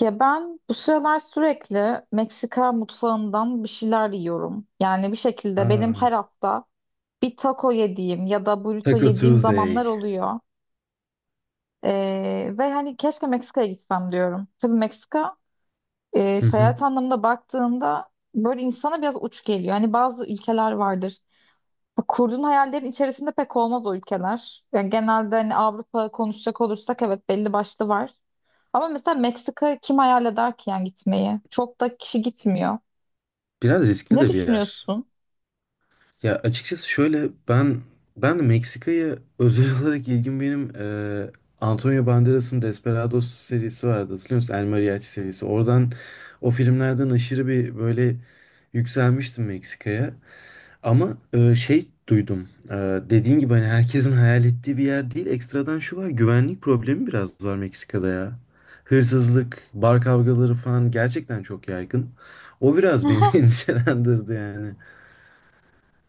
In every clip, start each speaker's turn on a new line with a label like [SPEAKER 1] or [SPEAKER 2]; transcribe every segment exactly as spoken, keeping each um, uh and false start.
[SPEAKER 1] Ya ben bu sıralar sürekli Meksika mutfağından bir şeyler yiyorum. Yani bir şekilde benim her
[SPEAKER 2] Aa,
[SPEAKER 1] hafta bir taco yediğim ya da burrito
[SPEAKER 2] Taco
[SPEAKER 1] yediğim
[SPEAKER 2] Tuesday.
[SPEAKER 1] zamanlar oluyor. Ee, ve hani keşke Meksika'ya gitsem diyorum. Tabii Meksika e,
[SPEAKER 2] Hı hı.
[SPEAKER 1] seyahat anlamında baktığında böyle insana biraz uç geliyor. Hani bazı ülkeler vardır. Bu kurduğun hayallerin içerisinde pek olmaz o ülkeler. Yani genelde hani Avrupa konuşacak olursak evet belli başlı var. Ama mesela Meksika kim hayal eder ki yani gitmeyi? Çok da kişi gitmiyor.
[SPEAKER 2] Biraz riskli
[SPEAKER 1] Ne
[SPEAKER 2] de bir yer.
[SPEAKER 1] düşünüyorsun?
[SPEAKER 2] Ya açıkçası şöyle ben ben de Meksika'ya özel olarak ilgim benim eee, Antonio Banderas'ın Desperados serisi vardı, hatırlıyor musun? El Mariachi serisi. Oradan o filmlerden aşırı bir böyle yükselmiştim Meksika'ya. Ama e, şey, duydum. E, dediğin gibi hani herkesin hayal ettiği bir yer değil. Ekstradan şu var: güvenlik problemi biraz var Meksika'da ya. Hırsızlık, bar kavgaları falan gerçekten çok yaygın. O biraz beni endişelendirdi yani.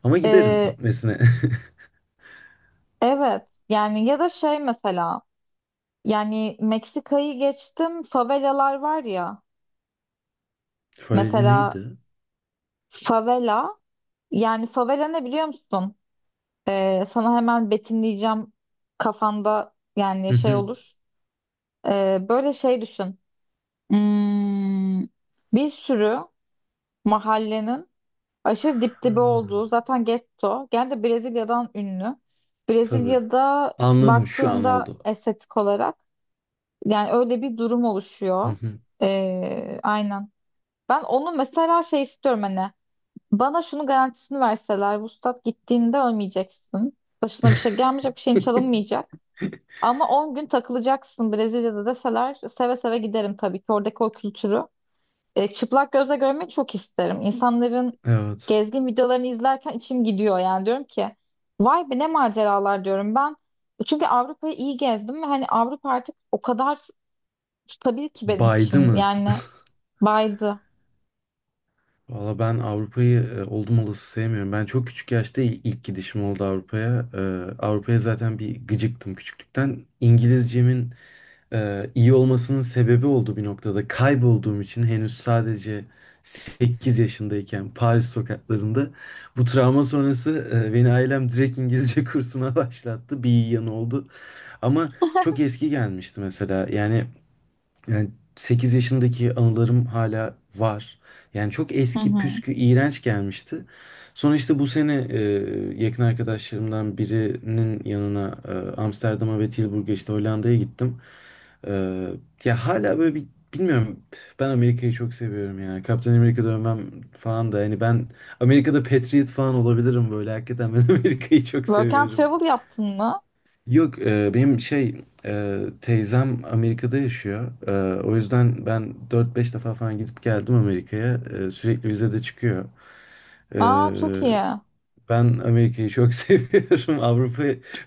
[SPEAKER 2] Ama giderim
[SPEAKER 1] Ee,
[SPEAKER 2] gitmesine.
[SPEAKER 1] evet yani ya da şey mesela yani Meksika'yı geçtim, favelalar var ya,
[SPEAKER 2] Faveli
[SPEAKER 1] mesela
[SPEAKER 2] neydi?
[SPEAKER 1] favela, yani favela ne biliyor musun? Ee, sana hemen betimleyeceğim, kafanda yani
[SPEAKER 2] Hı
[SPEAKER 1] şey
[SPEAKER 2] hı.
[SPEAKER 1] olur. Ee, böyle şey düşün. Hmm, bir sürü mahallenin aşırı dip
[SPEAKER 2] Ha,
[SPEAKER 1] dibe olduğu zaten getto. Gene de Brezilya'dan ünlü.
[SPEAKER 2] tabii.
[SPEAKER 1] Brezilya'da
[SPEAKER 2] Anladım, şu an
[SPEAKER 1] baktığında
[SPEAKER 2] oldu.
[SPEAKER 1] estetik olarak yani öyle bir durum
[SPEAKER 2] Hı
[SPEAKER 1] oluşuyor.
[SPEAKER 2] hı.
[SPEAKER 1] Ee, aynen. Ben onu mesela şey istiyorum, hani bana şunun garantisini verseler Vuslat gittiğinde ölmeyeceksin. Başına bir şey gelmeyecek, bir şeyin çalınmayacak. Ama on gün takılacaksın Brezilya'da deseler seve seve giderim, tabii ki oradaki o kültürü. E, çıplak gözle görmeyi çok isterim. İnsanların
[SPEAKER 2] Evet.
[SPEAKER 1] gezgin videolarını izlerken içim gidiyor, yani diyorum ki vay be ne maceralar diyorum ben. Çünkü Avrupa'yı iyi gezdim ve hani Avrupa artık o kadar stabil ki benim için.
[SPEAKER 2] Baydı mı?
[SPEAKER 1] Yani baydı.
[SPEAKER 2] Valla ben Avrupa'yı e, oldum olası sevmiyorum. Ben çok küçük yaşta il- ilk gidişim oldu Avrupa'ya. E, Avrupa'ya zaten bir gıcıktım küçüklükten. İngilizcemin e, iyi olmasının sebebi oldu bir noktada. Kaybolduğum için henüz sadece sekiz yaşındayken Paris sokaklarında bu travma sonrası e, beni ailem direkt İngilizce kursuna başlattı. Bir iyi yanı oldu. Ama çok eski gelmişti mesela. Yani yani sekiz yaşındaki anılarım hala var. Yani çok
[SPEAKER 1] Hı
[SPEAKER 2] eski,
[SPEAKER 1] hı.
[SPEAKER 2] püskü, iğrenç gelmişti. Sonra işte bu sene e, yakın arkadaşlarımdan birinin yanına, e, Amsterdam'a ve Tilburg'a, işte Hollanda'ya gittim. E, Ya hala böyle bir, bilmiyorum. Ben Amerika'yı çok seviyorum yani. Kaptan Amerika dönmem falan da, hani ben Amerika'da Patriot falan olabilirim böyle. Hakikaten ben Amerika'yı çok
[SPEAKER 1] Work and
[SPEAKER 2] seviyorum.
[SPEAKER 1] travel yaptın mı?
[SPEAKER 2] Yok, e, benim şey, e, teyzem Amerika'da yaşıyor. E, o yüzden ben dört beş defa falan gidip geldim Amerika'ya. E, sürekli vize de çıkıyor. E,
[SPEAKER 1] Aa çok iyi.
[SPEAKER 2] Ben Amerika'yı çok seviyorum. Avrupa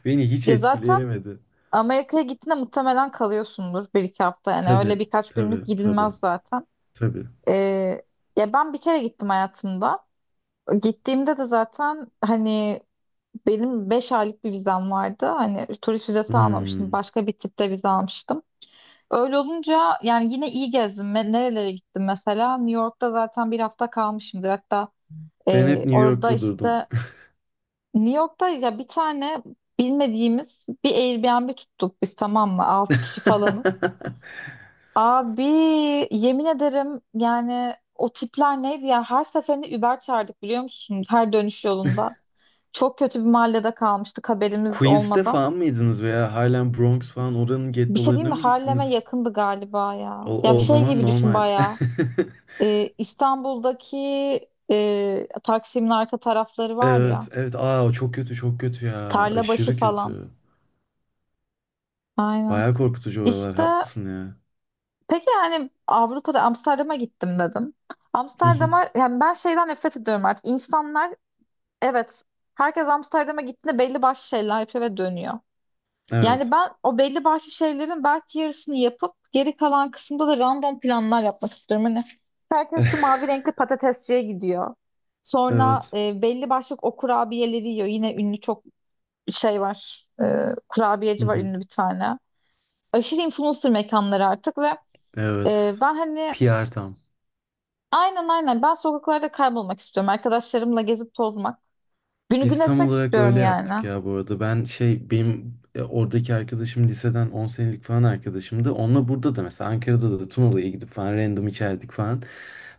[SPEAKER 2] beni hiç
[SPEAKER 1] Ya zaten
[SPEAKER 2] etkileyemedi.
[SPEAKER 1] Amerika'ya gittiğinde muhtemelen kalıyorsundur bir iki hafta, yani öyle
[SPEAKER 2] Tabii,
[SPEAKER 1] birkaç günlük
[SPEAKER 2] tabii, tabii,
[SPEAKER 1] gidilmez zaten.
[SPEAKER 2] tabii.
[SPEAKER 1] Ee, Ya ben bir kere gittim hayatımda. Gittiğimde de zaten hani benim beş aylık bir vizem vardı. Hani turist vizesi almamıştım.
[SPEAKER 2] Hmm.
[SPEAKER 1] Başka bir tipte vize almıştım. Öyle olunca yani yine iyi gezdim. Me- Nerelere gittim mesela? New York'ta zaten bir hafta kalmışımdır. Hatta
[SPEAKER 2] Ben hep
[SPEAKER 1] e,
[SPEAKER 2] New
[SPEAKER 1] orada
[SPEAKER 2] York'ta durdum.
[SPEAKER 1] işte New York'ta ya bir tane bilmediğimiz bir Airbnb tuttuk biz, tamam mı? Altı kişi falanız. Abi yemin ederim yani o tipler neydi ya? Her seferinde Uber çağırdık biliyor musun? Her dönüş yolunda. Çok kötü bir mahallede kalmıştık haberimiz
[SPEAKER 2] Queens'te
[SPEAKER 1] olmadan.
[SPEAKER 2] falan mıydınız, veya halen Bronx falan, oranın
[SPEAKER 1] Bir şey diyeyim
[SPEAKER 2] gettolarına
[SPEAKER 1] mi?
[SPEAKER 2] mı
[SPEAKER 1] Harlem'e
[SPEAKER 2] gittiniz?
[SPEAKER 1] yakındı galiba ya. Ya
[SPEAKER 2] O,
[SPEAKER 1] bir
[SPEAKER 2] o
[SPEAKER 1] şey
[SPEAKER 2] zaman
[SPEAKER 1] gibi düşün
[SPEAKER 2] normal.
[SPEAKER 1] bayağı. Ee, İstanbul'daki e, Taksim'in arka tarafları var
[SPEAKER 2] Evet,
[SPEAKER 1] ya.
[SPEAKER 2] evet. Aa, o çok kötü, çok kötü ya.
[SPEAKER 1] Tarlabaşı
[SPEAKER 2] Aşırı
[SPEAKER 1] falan.
[SPEAKER 2] kötü.
[SPEAKER 1] Aynen.
[SPEAKER 2] Bayağı korkutucu oralar.
[SPEAKER 1] İşte
[SPEAKER 2] Haklısın ya.
[SPEAKER 1] peki, yani Avrupa'da Amsterdam'a gittim dedim.
[SPEAKER 2] Hı hı.
[SPEAKER 1] Amsterdam'a, yani ben şeyden nefret ediyorum artık. İnsanlar, evet, herkes Amsterdam'a gittiğinde belli başlı şeyler yapıyor ve dönüyor. Yani
[SPEAKER 2] Evet.
[SPEAKER 1] ben o belli başlı şeylerin belki yarısını yapıp geri kalan kısımda da random planlar yapmak istiyorum. Hani herkes şu mavi renkli patatesçiye gidiyor. Sonra
[SPEAKER 2] Evet.
[SPEAKER 1] e, belli başlı o kurabiyeleri yiyor. Yine ünlü çok şey var. E,
[SPEAKER 2] Hı
[SPEAKER 1] kurabiyeci var
[SPEAKER 2] hı.
[SPEAKER 1] ünlü bir tane. Aşırı influencer mekanları artık ve e,
[SPEAKER 2] Evet.
[SPEAKER 1] ben hani
[SPEAKER 2] P R tam.
[SPEAKER 1] aynen aynen ben sokaklarda kaybolmak istiyorum. Arkadaşlarımla gezip tozmak. Günü gün
[SPEAKER 2] Biz tam
[SPEAKER 1] etmek
[SPEAKER 2] olarak
[SPEAKER 1] istiyorum
[SPEAKER 2] öyle yaptık
[SPEAKER 1] yani.
[SPEAKER 2] ya, bu arada. Ben şey, benim e, oradaki arkadaşım liseden on senelik falan arkadaşımdı. Onunla burada da mesela, Ankara'da da Tunalı'ya gidip falan random içerdik falan.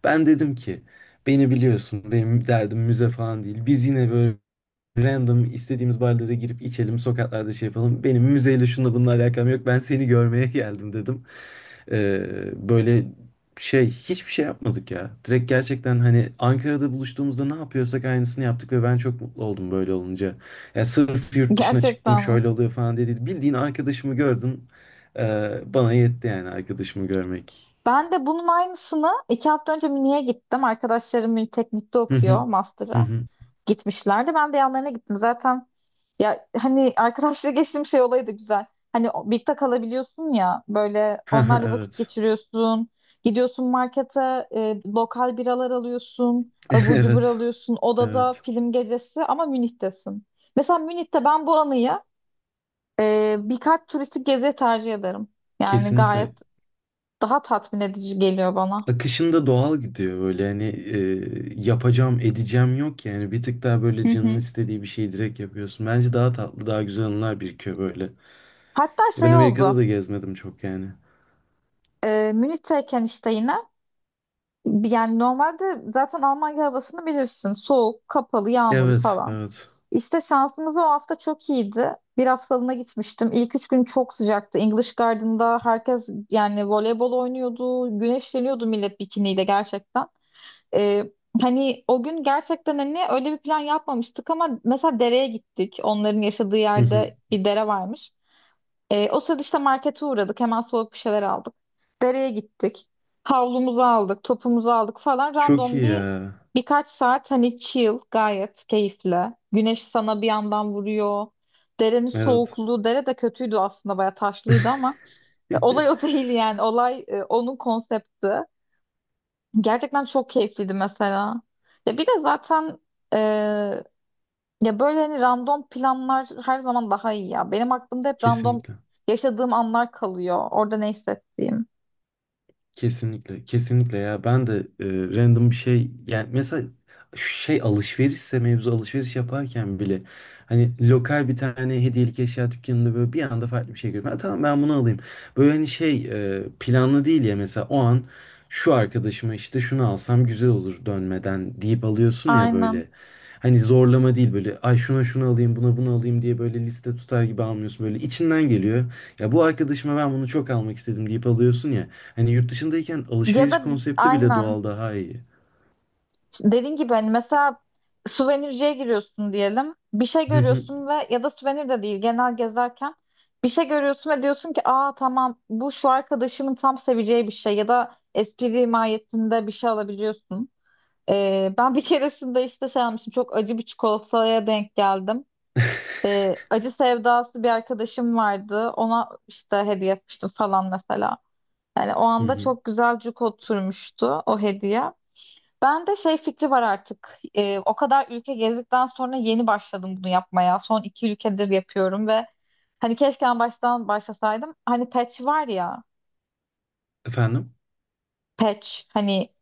[SPEAKER 2] Ben dedim ki beni biliyorsun, benim derdim müze falan değil. Biz yine böyle random istediğimiz barlara girip içelim, sokaklarda şey yapalım. Benim müzeyle, şununla bununla alakam yok. Ben seni görmeye geldim dedim. Ee, böyle şey, hiçbir şey yapmadık ya. Direkt gerçekten hani Ankara'da buluştuğumuzda ne yapıyorsak aynısını yaptık ve ben çok mutlu oldum böyle olunca. Ya sırf yurt dışına çıktım
[SPEAKER 1] Gerçekten mi?
[SPEAKER 2] şöyle oluyor falan dedi. Bildiğin arkadaşımı gördüm. Ee, bana yetti yani, arkadaşımı görmek.
[SPEAKER 1] Ben de bunun aynısını iki hafta önce Münih'e gittim. Arkadaşlarım Münih Teknik'te
[SPEAKER 2] Hı hı.
[SPEAKER 1] okuyor
[SPEAKER 2] Hı
[SPEAKER 1] master'a.
[SPEAKER 2] hı.
[SPEAKER 1] Gitmişlerdi. Ben de yanlarına gittim. Zaten ya hani arkadaşla geçtiğim şey olayı da güzel. Hani o- birlikte kalabiliyorsun ya, böyle onlarla vakit
[SPEAKER 2] Evet.
[SPEAKER 1] geçiriyorsun. Gidiyorsun markete, e, lokal biralar alıyorsun. Abur cubur
[SPEAKER 2] Evet.
[SPEAKER 1] alıyorsun. Odada
[SPEAKER 2] Evet.
[SPEAKER 1] film gecesi ama Münih'tesin. Mesela Münih'te ben bu anıyı e, birkaç turistik gezi tercih ederim. Yani
[SPEAKER 2] Kesinlikle.
[SPEAKER 1] gayet daha tatmin edici geliyor bana.
[SPEAKER 2] Akışında doğal gidiyor böyle, hani e, yapacağım edeceğim yok yani, bir tık daha böyle
[SPEAKER 1] Hı
[SPEAKER 2] canın
[SPEAKER 1] hı.
[SPEAKER 2] istediği bir şeyi direkt yapıyorsun. Bence daha tatlı, daha güzel anılar birikiyor böyle.
[SPEAKER 1] Hatta
[SPEAKER 2] E, ben
[SPEAKER 1] şey
[SPEAKER 2] Amerika'da
[SPEAKER 1] oldu.
[SPEAKER 2] da gezmedim çok yani.
[SPEAKER 1] E, Münih'teyken işte yine yani normalde zaten Almanya havasını bilirsin. Soğuk, kapalı, yağmurlu
[SPEAKER 2] Evet,
[SPEAKER 1] falan.
[SPEAKER 2] evet.
[SPEAKER 1] İşte şansımız o hafta çok iyiydi. Bir haftalığına gitmiştim. İlk üç gün çok sıcaktı. English Garden'da herkes yani voleybol oynuyordu. Güneşleniyordu millet bikiniyle, gerçekten. E, Hani o gün gerçekten hani öyle bir plan yapmamıştık ama mesela dereye gittik. Onların yaşadığı
[SPEAKER 2] Hı hı.
[SPEAKER 1] yerde bir dere varmış. E, o sırada işte markete uğradık. Hemen soğuk bir şeyler aldık. Dereye gittik. Havlumuzu aldık, topumuzu aldık falan.
[SPEAKER 2] Çok
[SPEAKER 1] Random
[SPEAKER 2] iyi
[SPEAKER 1] bir
[SPEAKER 2] ya.
[SPEAKER 1] birkaç saat hani chill, gayet keyifli. Güneş sana bir yandan vuruyor. Derenin
[SPEAKER 2] Evet.
[SPEAKER 1] soğukluğu, dere de kötüydü aslında, bayağı taşlıydı ama e, olay o değil yani. Olay e, onun konsepti. Gerçekten çok keyifliydi mesela. Ya bir de zaten e, ya böyle hani random planlar her zaman daha iyi ya. Benim aklımda hep random
[SPEAKER 2] Kesinlikle.
[SPEAKER 1] yaşadığım anlar kalıyor. Orada ne hissettiğim.
[SPEAKER 2] Kesinlikle, kesinlikle, ya ben de e, random bir şey yani mesela, şey, alışverişse mevzu, alışveriş yaparken bile hani lokal bir tane hediyelik eşya dükkanında böyle bir anda farklı bir şey görüyorum. Ha, tamam, ben bunu alayım. Böyle hani şey, e, planlı değil ya mesela, o an şu arkadaşıma işte şunu alsam güzel olur dönmeden, deyip alıyorsun ya
[SPEAKER 1] Aynen.
[SPEAKER 2] böyle. Hani zorlama değil, böyle ay şuna şunu alayım buna bunu alayım diye, böyle liste tutar gibi almıyorsun, böyle içinden geliyor. Ya bu arkadaşıma ben bunu çok almak istedim deyip alıyorsun ya. Hani yurt dışındayken
[SPEAKER 1] Ya
[SPEAKER 2] alışveriş
[SPEAKER 1] da
[SPEAKER 2] konsepti bile
[SPEAKER 1] aynen.
[SPEAKER 2] doğal, daha iyi.
[SPEAKER 1] Dediğin gibi hani mesela suvenirciye giriyorsun diyelim. Bir şey
[SPEAKER 2] Hı hı.
[SPEAKER 1] görüyorsun ve ya da suvenir de değil, genel gezerken bir şey görüyorsun ve diyorsun ki aa tamam, bu şu arkadaşımın tam seveceği bir şey ya da espri mahiyetinde bir şey alabiliyorsun. Ee, ben bir keresinde işte şey almıştım, çok acı bir çikolataya denk geldim. Ee, acı sevdası bir arkadaşım vardı, ona işte hediye etmiştim falan mesela. Yani o
[SPEAKER 2] Hı
[SPEAKER 1] anda
[SPEAKER 2] hı.
[SPEAKER 1] çok güzel cuk oturmuştu o hediye. Ben de şey fikri var artık. Ee, o kadar ülke gezdikten sonra yeni başladım bunu yapmaya. Son iki ülkedir yapıyorum ve hani keşke en baştan başlasaydım. Hani patch var ya,
[SPEAKER 2] Efendim?
[SPEAKER 1] patch, hani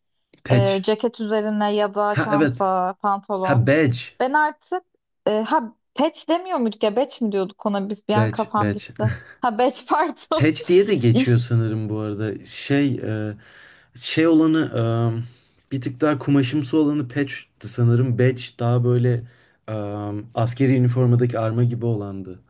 [SPEAKER 1] e,
[SPEAKER 2] Patch.
[SPEAKER 1] ceket üzerine ya da
[SPEAKER 2] Ha, evet.
[SPEAKER 1] çanta,
[SPEAKER 2] Ha,
[SPEAKER 1] pantolon.
[SPEAKER 2] badge.
[SPEAKER 1] Ben artık e, ha patch demiyor muyduk ya, batch mi diyorduk ona biz, bir an
[SPEAKER 2] Badge,
[SPEAKER 1] kafam
[SPEAKER 2] badge.
[SPEAKER 1] gitti. Ha batch pardon.
[SPEAKER 2] Patch diye de geçiyor
[SPEAKER 1] İşte-
[SPEAKER 2] sanırım bu arada. Şey, e, şey olanı, e, bir tık daha kumaşımsı olanı patch'ti sanırım. Badge daha böyle e, askeri üniformadaki arma gibi olandı.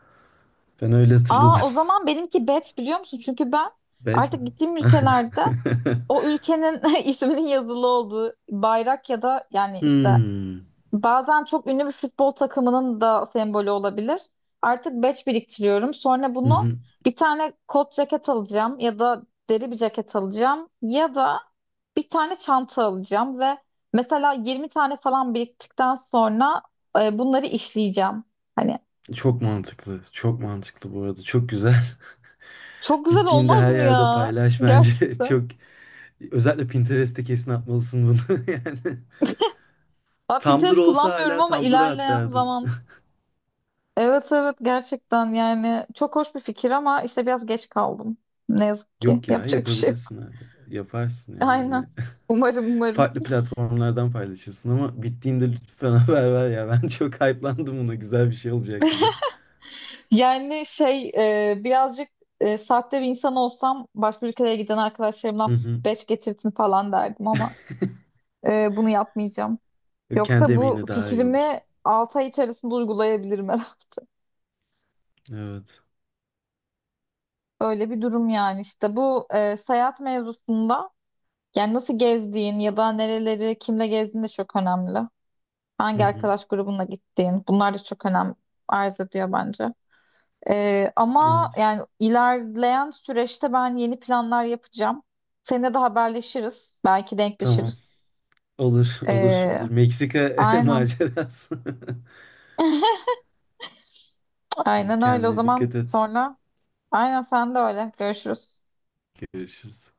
[SPEAKER 2] Ben öyle hatırladım.
[SPEAKER 1] Aa o zaman benimki batch biliyor musun? Çünkü ben
[SPEAKER 2] Badge mi?
[SPEAKER 1] artık gittiğim ülkelerde o ülkenin isminin yazılı olduğu bayrak ya da yani işte
[SPEAKER 2] Hmm.
[SPEAKER 1] bazen çok ünlü bir futbol takımının da sembolü olabilir. Artık batch biriktiriyorum. Sonra
[SPEAKER 2] Hı
[SPEAKER 1] bunu
[SPEAKER 2] hı.
[SPEAKER 1] bir tane kot ceket alacağım ya da deri bir ceket alacağım ya da bir tane çanta alacağım ve mesela yirmi tane falan biriktikten sonra e, bunları işleyeceğim. Hani
[SPEAKER 2] Çok mantıklı. Çok mantıklı bu arada. Çok güzel.
[SPEAKER 1] çok güzel
[SPEAKER 2] Bittiğinde
[SPEAKER 1] olmaz
[SPEAKER 2] her
[SPEAKER 1] mı
[SPEAKER 2] yerde
[SPEAKER 1] ya?
[SPEAKER 2] paylaş bence.
[SPEAKER 1] Gerçekten.
[SPEAKER 2] Çok, özellikle Pinterest'te kesin atmalısın bunu, yani.
[SPEAKER 1] Ha,
[SPEAKER 2] Tumblr
[SPEAKER 1] Pinterest
[SPEAKER 2] olsa
[SPEAKER 1] kullanmıyorum
[SPEAKER 2] hala
[SPEAKER 1] ama
[SPEAKER 2] Tumblr'a at
[SPEAKER 1] ilerleyen
[SPEAKER 2] derdim.
[SPEAKER 1] zaman evet evet gerçekten yani çok hoş bir fikir ama işte biraz geç kaldım. Ne yazık ki
[SPEAKER 2] Yok ya,
[SPEAKER 1] yapacak bir şey yok.
[SPEAKER 2] yapabilirsin abi. Yaparsın ya
[SPEAKER 1] Aynen.
[SPEAKER 2] yine.
[SPEAKER 1] Umarım umarım.
[SPEAKER 2] Farklı platformlardan paylaşırsın ama bittiğinde lütfen haber ver ya. Ben çok hype'landım buna. Güzel bir şey olacak gibi.
[SPEAKER 1] Yani şey e, birazcık e, sahte bir insan olsam başka ülkelere giden
[SPEAKER 2] Hı
[SPEAKER 1] arkadaşlarımdan
[SPEAKER 2] hı.
[SPEAKER 1] beş getirtin falan derdim ama e, bunu yapmayacağım.
[SPEAKER 2] Kendi
[SPEAKER 1] Yoksa bu
[SPEAKER 2] emeğine daha iyi olur.
[SPEAKER 1] fikrimi altı ay içerisinde uygulayabilirim herhalde.
[SPEAKER 2] Evet.
[SPEAKER 1] Öyle bir durum, yani işte bu e, seyahat mevzusunda yani nasıl gezdiğin ya da nereleri kimle gezdiğin de çok önemli.
[SPEAKER 2] Hı
[SPEAKER 1] Hangi
[SPEAKER 2] hı.
[SPEAKER 1] arkadaş grubuna gittiğin. Bunlar da çok önem arz ediyor bence. Ee, ama
[SPEAKER 2] Evet.
[SPEAKER 1] yani ilerleyen süreçte ben yeni planlar yapacağım. Seninle de haberleşiriz. Belki
[SPEAKER 2] Tamam.
[SPEAKER 1] denkleşiriz.
[SPEAKER 2] Olur, olur,
[SPEAKER 1] Ee,
[SPEAKER 2] olur. Meksika
[SPEAKER 1] aynen.
[SPEAKER 2] macerası. İyi,
[SPEAKER 1] Aynen öyle. O
[SPEAKER 2] kendine
[SPEAKER 1] zaman
[SPEAKER 2] dikkat et.
[SPEAKER 1] sonra aynen sen de öyle. Görüşürüz.
[SPEAKER 2] Görüşürüz.